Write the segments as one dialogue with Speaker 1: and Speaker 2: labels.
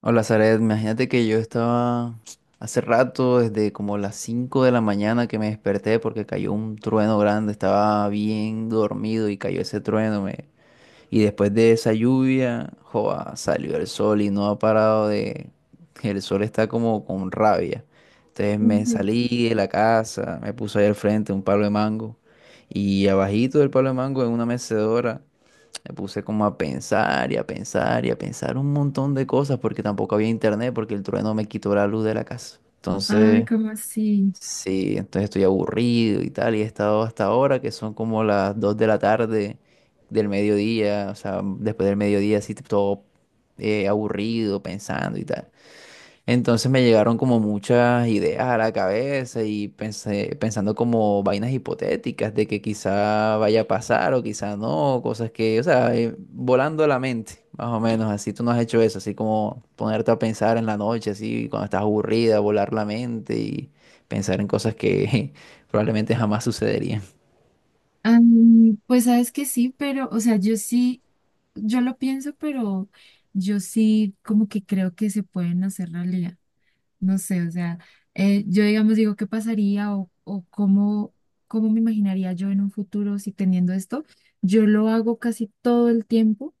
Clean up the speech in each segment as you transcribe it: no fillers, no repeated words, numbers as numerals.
Speaker 1: Hola, Zaret. Imagínate que yo estaba hace rato, desde como las 5 de la mañana que me desperté porque cayó un trueno grande. Estaba bien dormido y cayó ese trueno. Y después de esa lluvia, joa, salió el sol y no ha parado de... El sol está como con rabia. Entonces me
Speaker 2: Ujú.
Speaker 1: salí de la casa, me puse ahí al frente un palo de mango y abajito del palo de mango en una mecedora. Me puse como a pensar y a pensar y a pensar un montón de cosas porque tampoco había internet porque el trueno me quitó la luz de la casa. Mm.
Speaker 2: Ay,
Speaker 1: Entonces,
Speaker 2: ¿cómo así?
Speaker 1: sí, entonces estoy aburrido y tal y he estado hasta ahora que son como las 2 de la tarde del mediodía, o sea, después del mediodía así todo aburrido pensando y tal. Entonces me llegaron como muchas ideas a la cabeza y pensé, pensando como vainas hipotéticas de que quizá vaya a pasar o quizá no, cosas que, o sea, volando la mente, más o menos, así tú no has hecho eso, así como ponerte a pensar en la noche, así cuando estás aburrida, volar la mente y pensar en cosas que probablemente jamás sucederían.
Speaker 2: Pues sabes que sí, pero, o sea, yo lo pienso, pero yo sí como que creo que se pueden hacer realidad. No sé, o sea, yo digamos digo, ¿qué pasaría o cómo, cómo me imaginaría yo en un futuro si teniendo esto? Yo lo hago casi todo el tiempo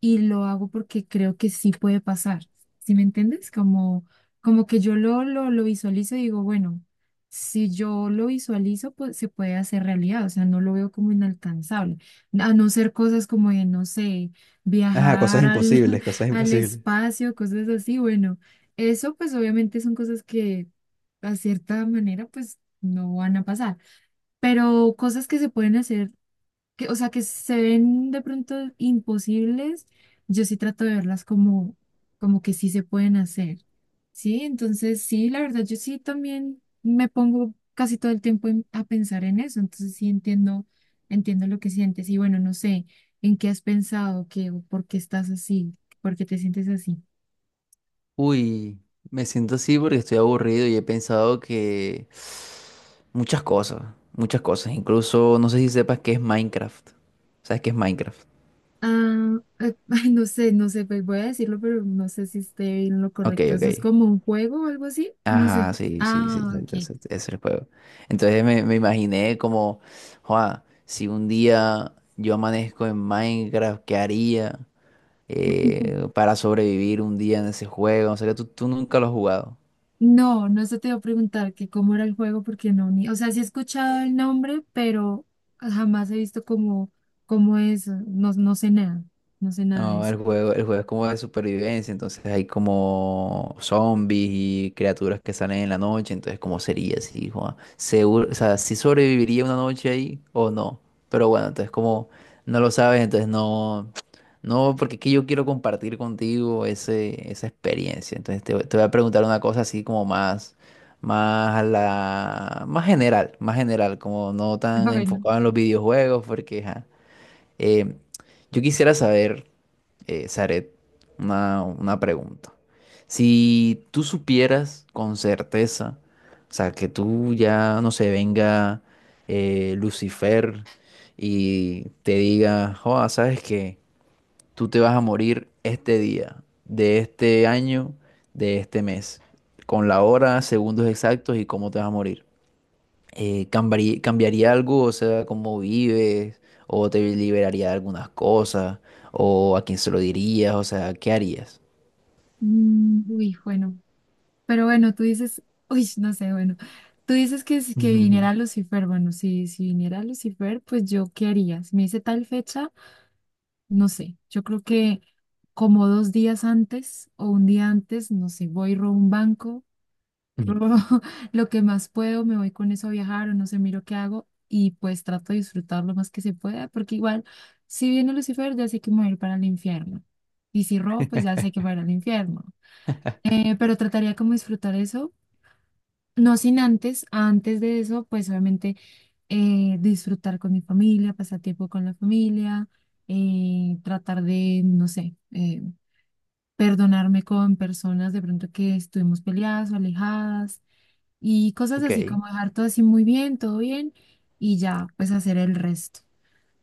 Speaker 2: y lo hago porque creo que sí puede pasar. ¿Sí me entiendes? Como, como que yo lo visualizo y digo, bueno, si yo lo visualizo, pues se puede hacer realidad, o sea, no lo veo como inalcanzable. A no ser cosas como de, no sé, viajar al, al espacio, cosas así, bueno, eso pues obviamente son cosas que a cierta manera pues no van a pasar, pero cosas que se pueden hacer que, o sea, que se ven de pronto imposibles, yo sí trato de verlas como, como que sí se pueden hacer, ¿sí? Entonces, sí, la verdad, yo sí también me pongo casi todo el tiempo a pensar en eso, entonces sí entiendo, entiendo lo que sientes y bueno, no sé, ¿en qué has pensado? ¿Qué, o por qué estás así? ¿Por qué te sientes así?
Speaker 1: Uy, me siento así porque estoy aburrido y he pensado que muchas cosas, muchas cosas. Incluso no sé si sepas qué es Minecraft. ¿Sabes qué es Minecraft?
Speaker 2: Ah, ay, no sé, no sé, pues voy a decirlo, pero no sé si esté en lo
Speaker 1: Ok,
Speaker 2: correcto. ¿Eso es
Speaker 1: ok.
Speaker 2: como un juego o algo así? No sé.
Speaker 1: Ajá, sí, sí, sí,
Speaker 2: Ah, ok.
Speaker 1: exacto, exacto, ese es el juego. Entonces me imaginé como, "Joa, si un día yo amanezco en Minecraft, ¿qué haría para sobrevivir un día en ese juego?" O sea, que tú nunca lo has jugado.
Speaker 2: No, no se te iba a preguntar que cómo era el juego, porque no, ni, o sea, sí he escuchado el nombre, pero jamás he visto cómo, cómo es, no, no sé nada, no sé nada de
Speaker 1: No,
Speaker 2: eso.
Speaker 1: el juego es como de supervivencia, entonces hay como zombies y criaturas que salen en la noche, entonces ¿cómo sería si, Juan? Seguro, o sea, si sobreviviría una noche ahí o no. Pero bueno, entonces como no lo sabes, entonces no, no, porque es que yo quiero compartir contigo esa experiencia. Entonces te voy a preguntar una cosa así como más, más a la, más general, como no tan
Speaker 2: Bueno,
Speaker 1: enfocado en los videojuegos, porque ajá. Eh, yo quisiera saber, Zaret, una pregunta. Si tú supieras con certeza, o sea, que tú ya, no sé, venga Lucifer y te diga, joa, sabes que tú te vas a morir este día, de este año, de este mes, con la hora, segundos exactos y cómo te vas a morir ¿cambiaría algo? O sea, ¿cómo vives? ¿O te liberaría de algunas cosas? ¿O a quién se lo dirías? O sea, ¿qué harías?
Speaker 2: uy, bueno, pero bueno, tú dices, uy, no sé, bueno, tú dices que, que viniera Lucifer, bueno, si, si viniera Lucifer, pues yo, ¿qué haría? Si me dice tal fecha, no sé, yo creo que como dos días antes o un día antes, no sé, voy, robo un banco,
Speaker 1: Ujú.
Speaker 2: robo lo que más puedo, me voy con eso a viajar o no sé, miro qué hago y pues trato de disfrutar lo más que se pueda, porque igual, si viene Lucifer, ya sé que me voy a ir para el infierno. Y si robo, pues ya sé que para el infierno. Pero trataría como disfrutar eso, no sin antes, antes de eso, pues obviamente disfrutar con mi familia, pasar tiempo con la familia, tratar de, no sé, perdonarme con personas de pronto que estuvimos peleadas o alejadas y cosas así
Speaker 1: Ok.
Speaker 2: como dejar todo así muy bien, todo bien y ya pues hacer el resto.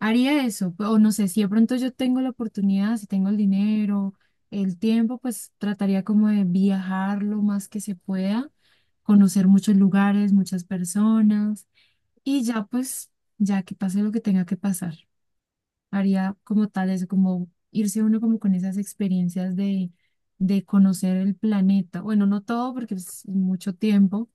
Speaker 2: Haría eso, o no sé, si de pronto yo tengo la oportunidad, si tengo el dinero, el tiempo, pues trataría como de viajar lo más que se pueda, conocer muchos lugares, muchas personas y ya pues ya que pase lo que tenga que pasar. Haría como tal eso, como irse uno como con esas experiencias de conocer el planeta. Bueno, no todo porque pues, es mucho tiempo,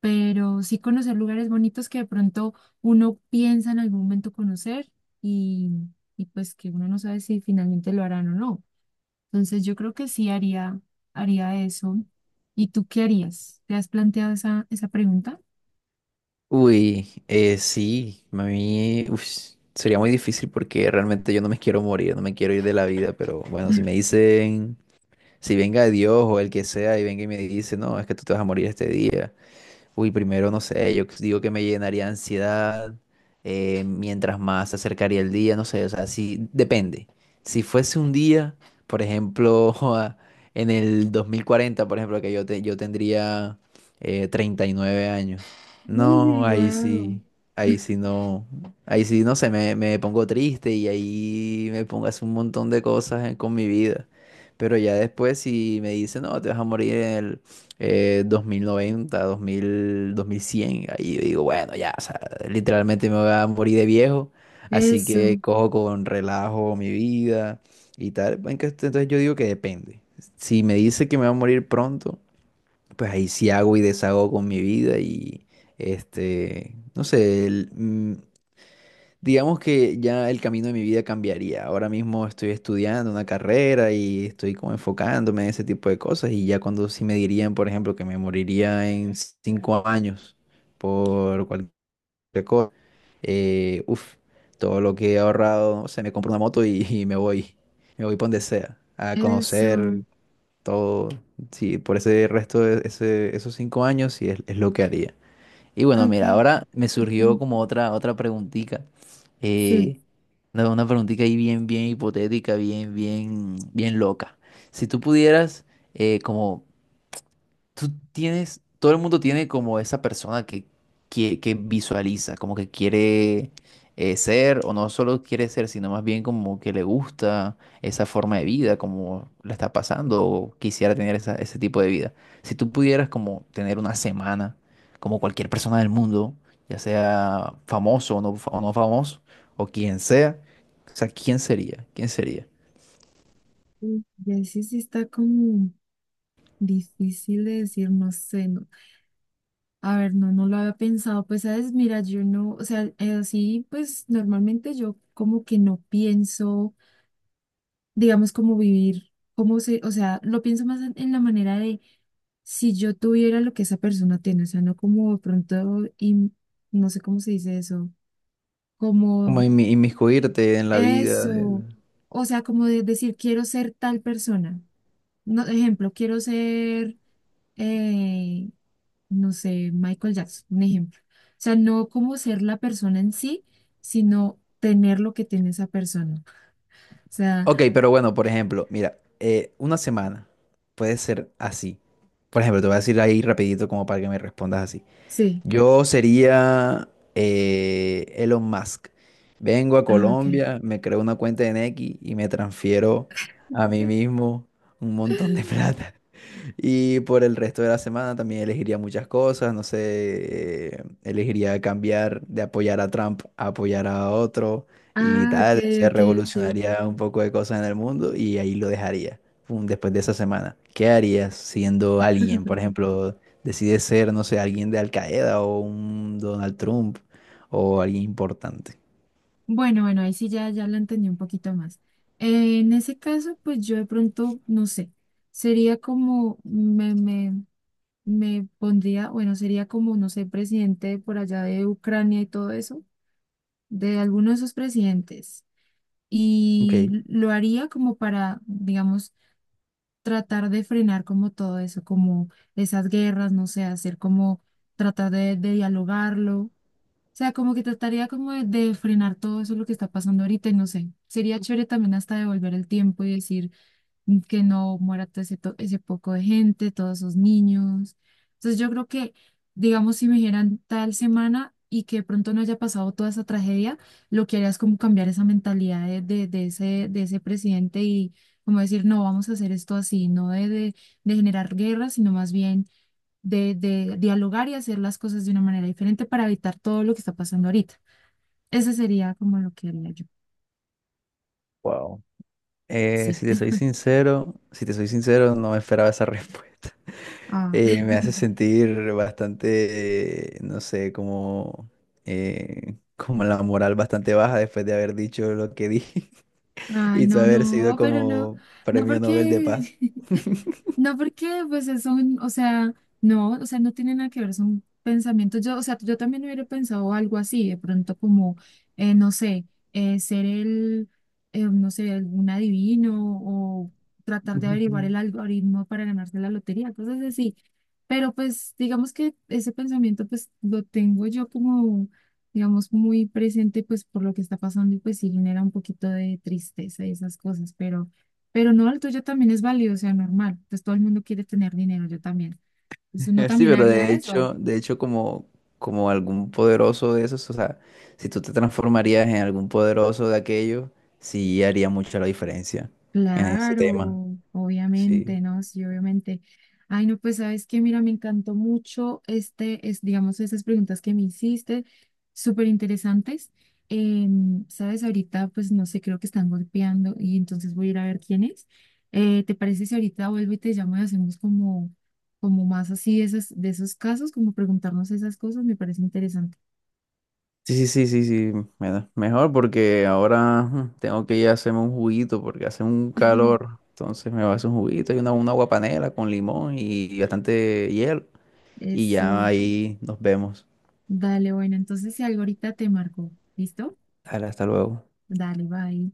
Speaker 2: pero sí conocer lugares bonitos que de pronto uno piensa en algún momento conocer y, y pues que uno no sabe si finalmente lo harán o no. Entonces yo creo que sí haría, haría eso. ¿Y tú qué harías? ¿Te has planteado esa pregunta?
Speaker 1: Uy, sí, a mí uf, sería muy difícil porque realmente yo no me quiero morir, no me quiero ir de la vida, pero bueno, si me dicen, si venga Dios o el que sea y venga y me dice, no, es que tú te vas a morir este día. Uy, primero no sé, yo digo que me llenaría de ansiedad mientras más se acercaría el día, no sé, o sea, sí, depende. Si fuese un día, por ejemplo, joda, en el 2040, por ejemplo, que yo, yo tendría 39 años.
Speaker 2: Uy,
Speaker 1: No,
Speaker 2: wow.
Speaker 1: ahí sí no, ahí sí no sé, me pongo triste y ahí me pongo a hacer un montón de cosas con mi vida. Pero ya después si me dice, no, te vas a morir 2090, 2000, 2100, ahí yo digo, bueno, ya, o sea, literalmente me voy a morir de viejo, así que
Speaker 2: Eso,
Speaker 1: cojo con relajo mi vida y tal. Entonces yo digo que depende. Si me dice que me va a morir pronto, pues ahí sí hago y deshago con mi vida y, este, no sé, digamos que ya el camino de mi vida cambiaría. Ahora mismo estoy estudiando una carrera y estoy como enfocándome en ese tipo de cosas y ya cuando sí me dirían, por ejemplo, que me moriría en 5 años por cualquier cosa, uf, todo lo que he ahorrado, no sé, me compro una moto y, y me voy por donde sea, a conocer
Speaker 2: eso.
Speaker 1: todo. Sí, por ese resto de esos 5 años sí es lo que haría. Y bueno, mira,
Speaker 2: Ok.
Speaker 1: ahora me surgió
Speaker 2: Ujú.
Speaker 1: como otra, otra preguntita.
Speaker 2: Sí.
Speaker 1: Eh, una preguntita ahí bien, bien hipotética, bien, bien, bien loca. Si tú pudieras como tú tienes, todo el mundo tiene como esa persona que, que visualiza, como que quiere ser, o no solo quiere ser, sino más bien como que le gusta esa forma de vida, como la está pasando, o quisiera tener ese tipo de vida. Si tú pudieras como tener una semana, como cualquier persona del mundo, ya sea famoso o no, o no famoso, o quien sea, o sea, ¿quién sería? ¿Quién sería?
Speaker 2: Ya sí, sí está como difícil de decir, no sé, no. A ver, no, no lo había pensado. Pues, sabes, mira, yo no, o sea, así, pues normalmente yo como que no pienso, digamos, como vivir, como se, o sea, lo pienso más en la manera de si yo tuviera lo que esa persona tiene, o sea, no como de pronto, y no sé cómo se dice eso,
Speaker 1: Como
Speaker 2: como
Speaker 1: inmiscuirte en la vida.
Speaker 2: eso, o sea, como de decir, quiero ser tal persona. No, ejemplo, quiero ser, eh, no sé, Michael Jackson, un ejemplo. O sea, no como ser la persona en sí, sino tener lo que tiene esa persona. O sea,
Speaker 1: Ok, pero bueno, por ejemplo, mira, una semana puede ser así. Por ejemplo, te voy a decir ahí rapidito como para que me respondas así.
Speaker 2: sí.
Speaker 1: Yo sería Elon Musk. Vengo a
Speaker 2: Ah, ok.
Speaker 1: Colombia, me creo una cuenta en X y me transfiero a mí mismo un montón de plata. Y por el resto de la semana también elegiría muchas cosas, no sé, elegiría cambiar de apoyar a Trump a apoyar a otro y
Speaker 2: Ah, ok,
Speaker 1: tal, se
Speaker 2: ok, ok.
Speaker 1: revolucionaría un poco de cosas en el mundo y ahí lo dejaría, pum, después de esa semana. ¿Qué harías siendo alguien? Por ejemplo, decides ser, no sé, alguien de Al Qaeda o un Donald Trump o alguien importante.
Speaker 2: Bueno, bueno, ahí sí ya, ya lo entendí un poquito más. En ese caso, pues yo de pronto, no sé, sería como, me pondría, bueno, sería como, no sé, presidente por allá de Ucrania y todo eso, de alguno de esos presidentes,
Speaker 1: Ok,
Speaker 2: y lo haría como para, digamos, tratar de frenar como todo eso, como esas guerras, no sé, hacer como tratar de dialogarlo. O sea, como que trataría como de frenar todo eso lo que está pasando ahorita y no sé. Sería chévere también hasta devolver el tiempo y decir, que no muera todo ese, ese poco de gente, todos esos niños. Entonces yo creo que, digamos, si me dijeran tal semana y que de pronto no haya pasado toda esa tragedia, lo que haría es como cambiar esa mentalidad de de ese presidente y como decir, no, vamos a hacer esto así, no de generar guerra, sino más bien de dialogar y hacer las cosas de una manera diferente para evitar todo lo que está pasando ahorita. Ese sería como lo que haría yo.
Speaker 1: wow.
Speaker 2: Sí.
Speaker 1: Si te soy sincero, si te soy sincero, no me esperaba esa respuesta.
Speaker 2: Ah.
Speaker 1: Eh, me hace sentir bastante, no sé, como, como la moral bastante baja después de haber dicho lo que dije
Speaker 2: Ay,
Speaker 1: y
Speaker 2: no,
Speaker 1: haber sido
Speaker 2: no, pero no,
Speaker 1: como
Speaker 2: no
Speaker 1: premio Nobel de Paz.
Speaker 2: porque, no, porque pues eso, o sea, no, o sea, no tiene nada que ver, son pensamientos. Yo, o sea, yo también hubiera pensado algo así, de pronto como, no sé, ser el, no sé, algún adivino o tratar de averiguar el
Speaker 1: Ujú.
Speaker 2: algoritmo para ganarse la lotería, cosas así. Pero pues digamos que ese pensamiento pues lo tengo yo como, digamos, muy presente pues por lo que está pasando y pues sí genera un poquito de tristeza y esas cosas, pero... Pero no, el tuyo también es válido, o sea, normal. Entonces todo el mundo quiere tener dinero, yo también. Entonces uno
Speaker 1: Sí,
Speaker 2: también
Speaker 1: pero
Speaker 2: haría eso.
Speaker 1: de hecho como, como algún poderoso de esos, o sea, si tú te transformarías en algún poderoso de aquello, sí haría mucha la diferencia en ese tema.
Speaker 2: Claro, obviamente,
Speaker 1: Sí.
Speaker 2: ¿no? Sí, obviamente. Ay, no, pues sabes que, mira, me encantó mucho este, es, digamos, esas preguntas que me hiciste, súper interesantes. Sabes, ahorita, pues no sé, creo que están golpeando y entonces voy a ir a ver quién es. ¿Te parece si ahorita vuelvo y te llamo y hacemos como, como más así de esas, de esos casos, como preguntarnos esas cosas? Me parece interesante.
Speaker 1: Sí, sí, sí, sí, sí, mejor porque ahora tengo que ir a hacerme un juguito porque hace un calor. Entonces me va a hacer un juguito y una guapanela con limón y bastante hielo. Y ya
Speaker 2: Eso,
Speaker 1: ahí nos vemos.
Speaker 2: dale, bueno, entonces si algo ahorita te marco, ¿listo?
Speaker 1: Dale, hasta luego.
Speaker 2: Dale, bye.